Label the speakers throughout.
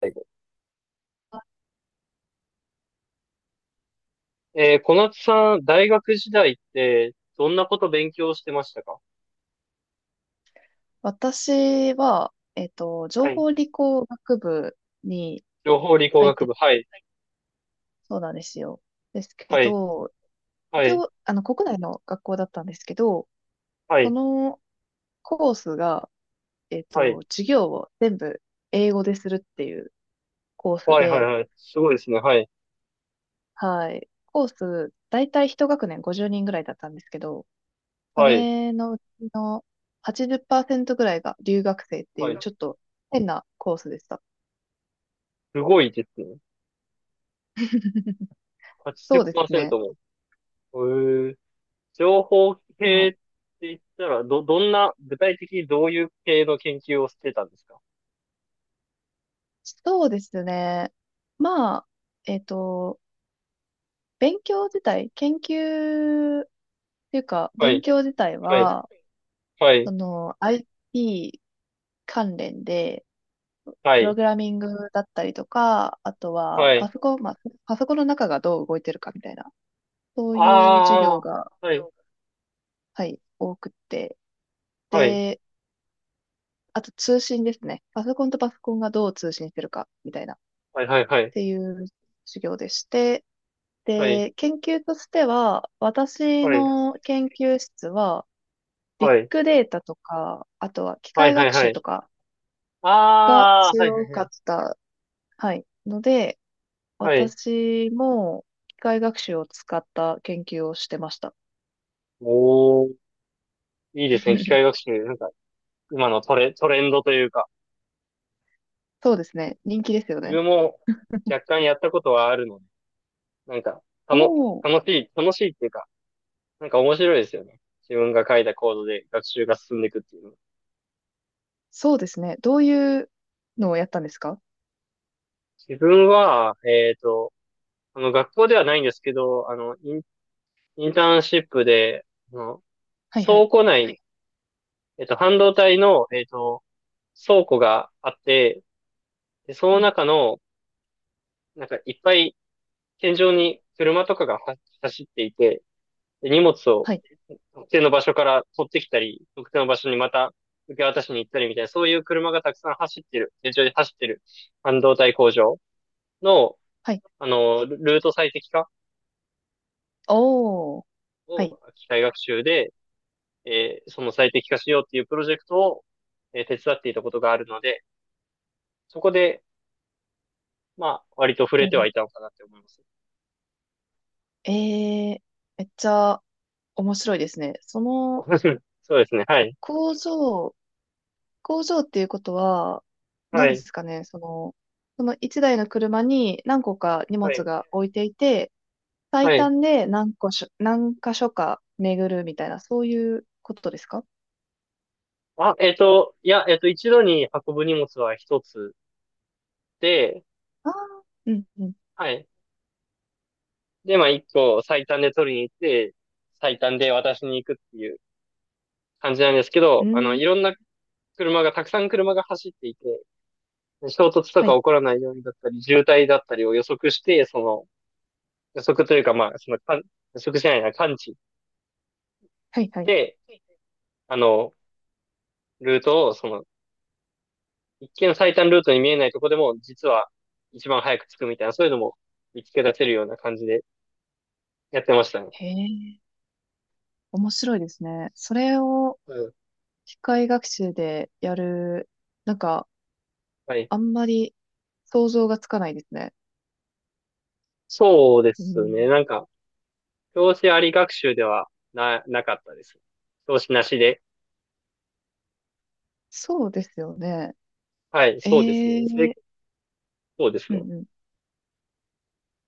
Speaker 1: 最後。小夏さん、大学時代って、どんなこと勉強してましたか？
Speaker 2: 私は、情
Speaker 1: はい。
Speaker 2: 報理工学部に
Speaker 1: 情報理工
Speaker 2: 入っ
Speaker 1: 学
Speaker 2: て
Speaker 1: 部。
Speaker 2: た、
Speaker 1: はい。
Speaker 2: そうなんですよ。ですけ
Speaker 1: はい。
Speaker 2: ど、
Speaker 1: は
Speaker 2: 一
Speaker 1: い。
Speaker 2: 応、国内の学校だったんですけど、
Speaker 1: は
Speaker 2: そ
Speaker 1: い。
Speaker 2: のコースが、
Speaker 1: はい。
Speaker 2: 授業を全部英語でするっていうコース
Speaker 1: はい。はい。
Speaker 2: で、
Speaker 1: はい。すごいですね。はい。
Speaker 2: はい。コース、だいたい一学年50人ぐらいだったんですけど、そ
Speaker 1: はい。
Speaker 2: れのうちの80%ぐらいが留学生ってい
Speaker 1: は
Speaker 2: う、
Speaker 1: い。
Speaker 2: ちょっと変なコースでした。
Speaker 1: すごいですね。
Speaker 2: そうですね。
Speaker 1: 80%も。へえ。情報
Speaker 2: は
Speaker 1: 系っ
Speaker 2: い、
Speaker 1: て言ったら、どんな、具体的にどういう系の研究をしてたんですか？
Speaker 2: そうですね。まあ、えっと、勉強自体、研究っていうか、
Speaker 1: は
Speaker 2: 勉
Speaker 1: い。
Speaker 2: 強自体
Speaker 1: はい。
Speaker 2: は、
Speaker 1: は
Speaker 2: そ
Speaker 1: い。
Speaker 2: の、i p 関連で、
Speaker 1: は
Speaker 2: プロ
Speaker 1: い。
Speaker 2: グラミングだったりとか、あとは、
Speaker 1: はい。
Speaker 2: パソコンの中がどう動いてるかみたいな、そういう授業
Speaker 1: あ
Speaker 2: が、
Speaker 1: あ。はい。
Speaker 2: はい、多くって。
Speaker 1: はい。
Speaker 2: で、あと通信ですね。パソコンとパソコンがどう通信してるか、みたいな、っ
Speaker 1: はい。はい。はい。
Speaker 2: ていう授業でして、
Speaker 1: は
Speaker 2: で、研究としては、
Speaker 1: い。
Speaker 2: 私
Speaker 1: はい
Speaker 2: の研究室は、ビッ
Speaker 1: はい。
Speaker 2: グデータとか、あとは機
Speaker 1: はい
Speaker 2: 械
Speaker 1: はい
Speaker 2: 学
Speaker 1: は
Speaker 2: 習
Speaker 1: い。
Speaker 2: とかが
Speaker 1: ああ、はいはい
Speaker 2: 強
Speaker 1: は
Speaker 2: か
Speaker 1: い。
Speaker 2: った、はい、ので、
Speaker 1: はい。
Speaker 2: 私も機械学習を使った研究をしてました。
Speaker 1: おー、いいですね。機械学 習。なんか、今のトレンドというか、
Speaker 2: そうですね。人気ですよ
Speaker 1: 自
Speaker 2: ね。
Speaker 1: 分も若干やったことはあるので、なんか、た
Speaker 2: お
Speaker 1: の、
Speaker 2: お、
Speaker 1: 楽しい、楽しいっていうか、なんか面白いですよね。自分が書いたコードで学習が進んでいくっていうの。
Speaker 2: そうですね。どういうのをやったんですか？
Speaker 1: 自分は、学校ではないんですけど、インターンシップで、あの、
Speaker 2: はいはい。
Speaker 1: 倉庫内、半導体の、倉庫があって、で、そ
Speaker 2: う
Speaker 1: の
Speaker 2: ん、
Speaker 1: 中の、なんかいっぱい天井に車とかがは走っていて、で荷物を
Speaker 2: はい。
Speaker 1: 特定の場所から取ってきたり、特定の場所にまた受け渡しに行ったりみたいな、そういう車がたくさん走ってる、天井で走ってる半導体工場の、
Speaker 2: はい。
Speaker 1: ルート最適化
Speaker 2: おお、は
Speaker 1: を
Speaker 2: い。
Speaker 1: 機械学習で、その最適化しようっていうプロジェクトを、手伝っていたことがあるので、そこで、まあ、割と触れてはい
Speaker 2: お、
Speaker 1: たのかなって思います。
Speaker 2: えー、めっちゃ面白いですね。その
Speaker 1: そうですね。はい。
Speaker 2: 工場、工場っていうことは、
Speaker 1: は
Speaker 2: 何で
Speaker 1: い。
Speaker 2: すかね、その一台の車に何個か荷
Speaker 1: は
Speaker 2: 物
Speaker 1: い。
Speaker 2: が置いていて、
Speaker 1: は
Speaker 2: 最
Speaker 1: い。
Speaker 2: 短で何個しょ、何箇所か巡るみたいな、そういうことですか？
Speaker 1: あ、いや、一度に運ぶ荷物は一つで、
Speaker 2: ああー、うん、うん、
Speaker 1: はい。で、まあ、一個最短で取りに行って、最短で渡しに行くっていう感じなんですけ
Speaker 2: う
Speaker 1: ど、
Speaker 2: ん、
Speaker 1: いろんな車が、たくさん車が走っていて、衝突と
Speaker 2: は
Speaker 1: か
Speaker 2: い、
Speaker 1: 起こらないようにだったり、渋滞だったりを予測して、その、予測というか、まあ、その、予測しないな、感知し
Speaker 2: はい、はい。
Speaker 1: て、あの、ルートを、その、一見最短ルートに見えないとこでも、実は一番早く着くみたいな、そういうのも見つけ出せるような感じでやってましたね。
Speaker 2: へえ、面白いですね。それを
Speaker 1: うん。
Speaker 2: 機械学習でやる、なんか、
Speaker 1: はい。
Speaker 2: あんまり想像がつかないですね。
Speaker 1: そうで
Speaker 2: う
Speaker 1: すね。
Speaker 2: ん、
Speaker 1: なんか、教師あり学習ではなかったです。教師なしで。
Speaker 2: そうですよね。
Speaker 1: はい、そうです
Speaker 2: え
Speaker 1: ね。
Speaker 2: え、
Speaker 1: そうです
Speaker 2: う
Speaker 1: ね。
Speaker 2: んうん、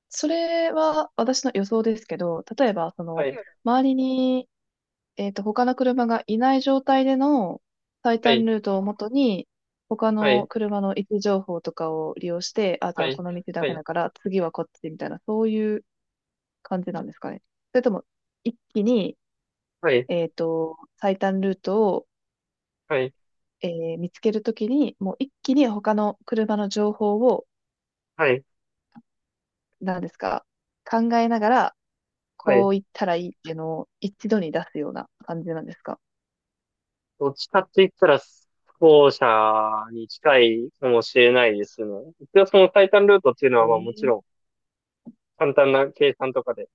Speaker 2: それは私の予想ですけど、例えば、そ
Speaker 1: は
Speaker 2: の、
Speaker 1: い、
Speaker 2: 周りに、他の車がいない状態での最
Speaker 1: は
Speaker 2: 短
Speaker 1: い、
Speaker 2: ルートをもとに、他
Speaker 1: は
Speaker 2: の
Speaker 1: い、
Speaker 2: 車の位置情報とかを利用して、あ、じゃ
Speaker 1: は
Speaker 2: あ
Speaker 1: い、
Speaker 2: この道ダ
Speaker 1: は
Speaker 2: メ
Speaker 1: い、
Speaker 2: だから、次はこっちみたいな、そういう感じなんですかね。それとも、一気に、
Speaker 1: はい、
Speaker 2: 最短ルートを、
Speaker 1: はい、
Speaker 2: 見つけるときに、もう一気に他の車の情報を、
Speaker 1: はい、
Speaker 2: 何ですか、考えながら、
Speaker 1: は
Speaker 2: こ
Speaker 1: い。
Speaker 2: う言ったらいいっていうのを一度に出すような感じなんですか？
Speaker 1: どっちかって言ったら、後者に近いかもしれないですね。一応その最短ルートっていうの
Speaker 2: え
Speaker 1: は、まあもち
Speaker 2: ー
Speaker 1: ろん、簡単な計算とかで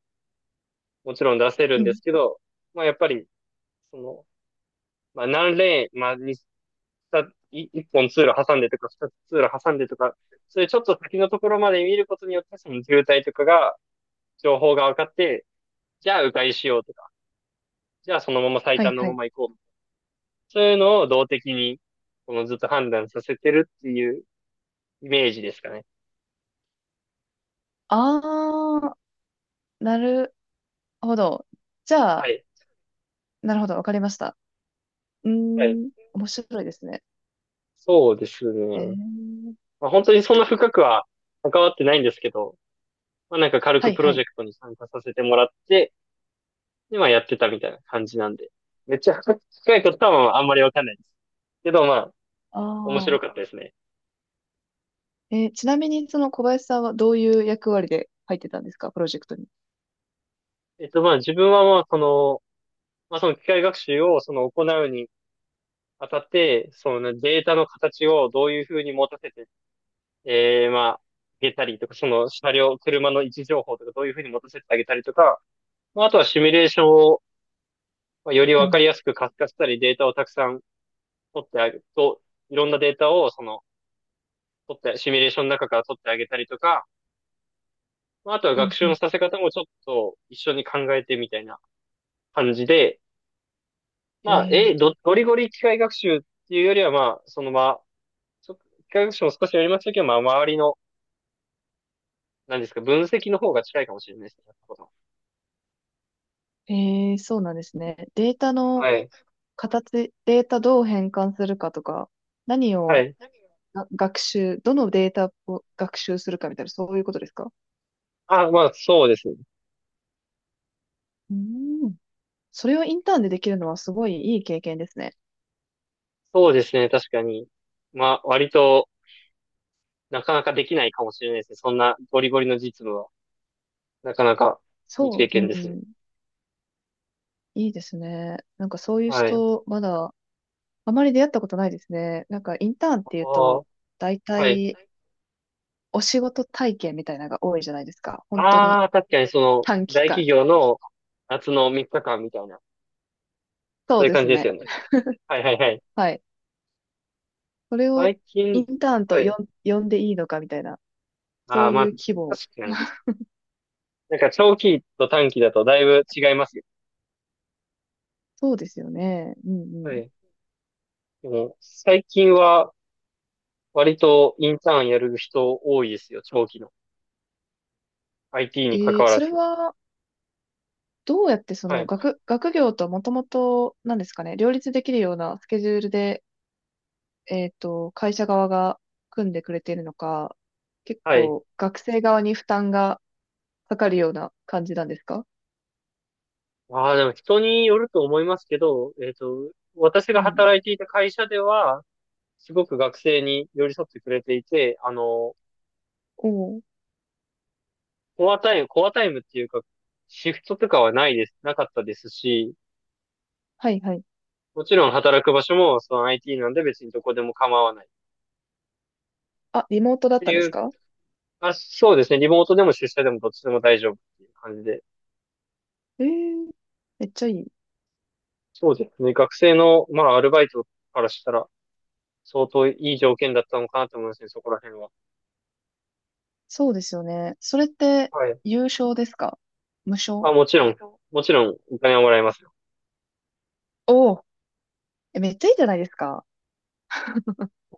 Speaker 1: もちろん出せる
Speaker 2: う
Speaker 1: んで
Speaker 2: ん。
Speaker 1: すけど、まあやっぱり、その、まあ何レーン、まあ二一本通路挟んでとか、二つ通路挟んでとか、それちょっと先のところまで見ることによって、その渋滞とかが、情報が分かって、じゃあ迂回しようとか、じゃあそのまま最
Speaker 2: はい
Speaker 1: 短の
Speaker 2: は
Speaker 1: ま
Speaker 2: い。
Speaker 1: ま行こう。そういうのを動的に、このずっと判断させてるっていうイメージですかね。
Speaker 2: あー、なるほど。じゃ
Speaker 1: は
Speaker 2: あ、
Speaker 1: い。
Speaker 2: なるほど、わかりました。うー
Speaker 1: はい。
Speaker 2: ん、面白いですね。
Speaker 1: そうです
Speaker 2: え
Speaker 1: ね。
Speaker 2: ー、
Speaker 1: まあ、本当にそんな深くは関わってないんですけど、まあなんか軽
Speaker 2: は
Speaker 1: く
Speaker 2: い
Speaker 1: プ
Speaker 2: は
Speaker 1: ロジェ
Speaker 2: い。
Speaker 1: クトに参加させてもらって、今やってたみたいな感じなんで。めっちゃ深いことはまあんまりわかんないです。けどまあ、面白
Speaker 2: あ
Speaker 1: かったですね。
Speaker 2: ー、ちなみにその小林さんはどういう役割で入ってたんですか、プロジェクトに。
Speaker 1: まあ、自分はまあ、その、まあ、その機械学習を、その、行うにあたって、そのデータの形をどういうふうに持たせて、まあ、あげたりとか、その車両、車の位置情報とか、どういうふうに持たせてあげたりとか、まあ、あとはシミュレーションを、まあ、より
Speaker 2: う
Speaker 1: わ
Speaker 2: ん、
Speaker 1: かりやすく活化したり、データをたくさん取ってあげると、いろんなデータを、その、取って、シミュレーションの中から取ってあげたりとか、まあ、あとは
Speaker 2: う
Speaker 1: 学
Speaker 2: ん、
Speaker 1: 習
Speaker 2: う
Speaker 1: の
Speaker 2: ん。
Speaker 1: させ方もちょっと一緒に考えてみたいな感じで、まあ、
Speaker 2: え
Speaker 1: ゴリゴリ機械学習っていうよりは、まあ、そのまあ、機械学習も少しやりましたけど、まあ、周りの、何ですか、分析の方が近いかもしれないですね。
Speaker 2: そうなんですね。データ
Speaker 1: は
Speaker 2: の
Speaker 1: い。
Speaker 2: 形、データどう変換するかとか、何
Speaker 1: は
Speaker 2: を
Speaker 1: い。
Speaker 2: が学習、どのデータを学習するかみたいな、そういうことですか？
Speaker 1: あ、まあ、そうですね。
Speaker 2: うん。それをインターンでできるのはすごいいい経験ですね。
Speaker 1: そうですね、確かに。まあ、割となかなかできないかもしれないですね。そんなゴリゴリの実務は、なかなかいい
Speaker 2: そ
Speaker 1: 経
Speaker 2: う、う
Speaker 1: 験ですね。
Speaker 2: ん。いいですね。なんかそういう
Speaker 1: はい。あ
Speaker 2: 人、まだ、あまり出会ったことないですね。なんかインターンっていうと、
Speaker 1: ー
Speaker 2: 大
Speaker 1: はい。
Speaker 2: 体、お仕事体験みたいなのが多いじゃないですか。本当に
Speaker 1: ああ、確かにその、
Speaker 2: 短期
Speaker 1: 大
Speaker 2: 間。
Speaker 1: 企業の夏の3日間みたいな、
Speaker 2: そ
Speaker 1: そう
Speaker 2: う
Speaker 1: いう
Speaker 2: で
Speaker 1: 感じ
Speaker 2: す
Speaker 1: です
Speaker 2: ね。
Speaker 1: よね。はいはいはい。
Speaker 2: はい。それを
Speaker 1: 最
Speaker 2: イ
Speaker 1: 近、
Speaker 2: ンターンと
Speaker 1: はい。
Speaker 2: 呼んでいいのかみたいな、
Speaker 1: あ
Speaker 2: そ
Speaker 1: あ、
Speaker 2: う
Speaker 1: ま
Speaker 2: いう
Speaker 1: あ、
Speaker 2: 規模。
Speaker 1: 確かに。なんか長期と短期だとだいぶ違いますよ。
Speaker 2: そうですよね。うんう
Speaker 1: は
Speaker 2: ん。
Speaker 1: い。でも、最近は割とインターンやる人多いですよ、長期の。IT
Speaker 2: え
Speaker 1: に関わら
Speaker 2: それ
Speaker 1: ず。
Speaker 2: は、どうやってそ
Speaker 1: は
Speaker 2: の
Speaker 1: い。
Speaker 2: 学業ともともと、なんですかね、両立できるようなスケジュールで、会社側が組んでくれているのか、結
Speaker 1: はい。
Speaker 2: 構学生側に負担がかかるような感じなんですか？
Speaker 1: ああ、でも人によると思いますけど、私
Speaker 2: う
Speaker 1: が
Speaker 2: ん。
Speaker 1: 働いていた会社では、すごく学生に寄り添ってくれていて、
Speaker 2: おお、
Speaker 1: コアタイム、コアタイムっていうか、シフトとかはないです、なかったですし、
Speaker 2: はいはい。
Speaker 1: もちろん働く場所もその IT なんで別にどこでも構わないっ
Speaker 2: あ、リモートだっ
Speaker 1: て
Speaker 2: たんで
Speaker 1: い
Speaker 2: す
Speaker 1: う、
Speaker 2: か？
Speaker 1: あ、そうですね。リモートでも出社でもどっちでも大丈夫っていう感じで。
Speaker 2: ええ、めっちゃいい。
Speaker 1: そうですね。学生の、まあ、アルバイトからしたら、相当いい条件だったのかなと思いますね、そこら辺は。
Speaker 2: そうですよね。それって、
Speaker 1: はい。
Speaker 2: 有償ですか？無償？
Speaker 1: あ、もちろん、もちろん、お金はもらえますよ。
Speaker 2: おお、え、めっちゃいいじゃないですか。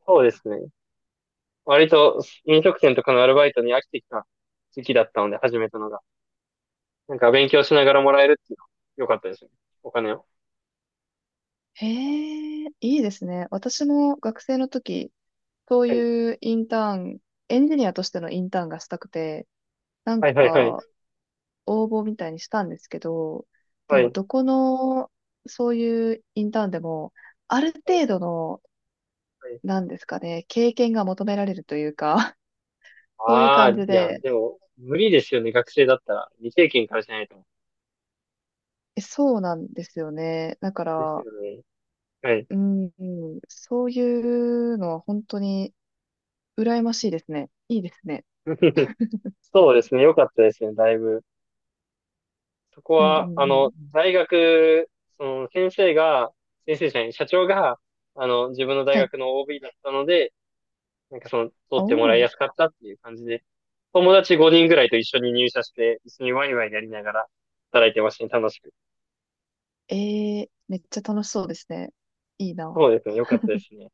Speaker 1: そうですね。割と、飲食店とかのアルバイトに飽きてきた時期だったので、始めたのが。なんか、勉強しながらもらえるっていうのは、良かったですね。お金を。
Speaker 2: へえ、いいですね。私も学生の時、そう
Speaker 1: はい。
Speaker 2: いうインターン、エンジニアとしてのインターンがしたくて、何
Speaker 1: はい、
Speaker 2: 個
Speaker 1: はい、はい。
Speaker 2: か応募みたいにしたんですけど、で
Speaker 1: は
Speaker 2: も
Speaker 1: い。
Speaker 2: どこの、そういうインターンでも、ある
Speaker 1: はい。
Speaker 2: 程度の、なんですかね、経験が求められるというか、そういう
Speaker 1: ああ
Speaker 2: 感
Speaker 1: ー、
Speaker 2: じ
Speaker 1: いや、
Speaker 2: で、
Speaker 1: でも、無理ですよね、学生だったら。未経験からしないと。
Speaker 2: え、そうなんですよね。だか
Speaker 1: です
Speaker 2: ら、
Speaker 1: よね。はい。
Speaker 2: うん、うん、そういうのは本当に羨ましいですね。いいですね。
Speaker 1: そうですね、良かったですね、だいぶ。そこ
Speaker 2: うんう
Speaker 1: は、
Speaker 2: んうん。
Speaker 1: 大学、その、先生が、先生じゃない、社長が、自分の大
Speaker 2: はい。
Speaker 1: 学の OB だったので、なんかその、
Speaker 2: お
Speaker 1: 取ってもらい
Speaker 2: ー、
Speaker 1: やすかったっていう感じで、友達5人ぐらいと一緒に入社して、一緒にワイワイやりながら働いてましたね、楽しく。
Speaker 2: えめっちゃ楽しそうですね。いいな。
Speaker 1: そうですね、良かったですね。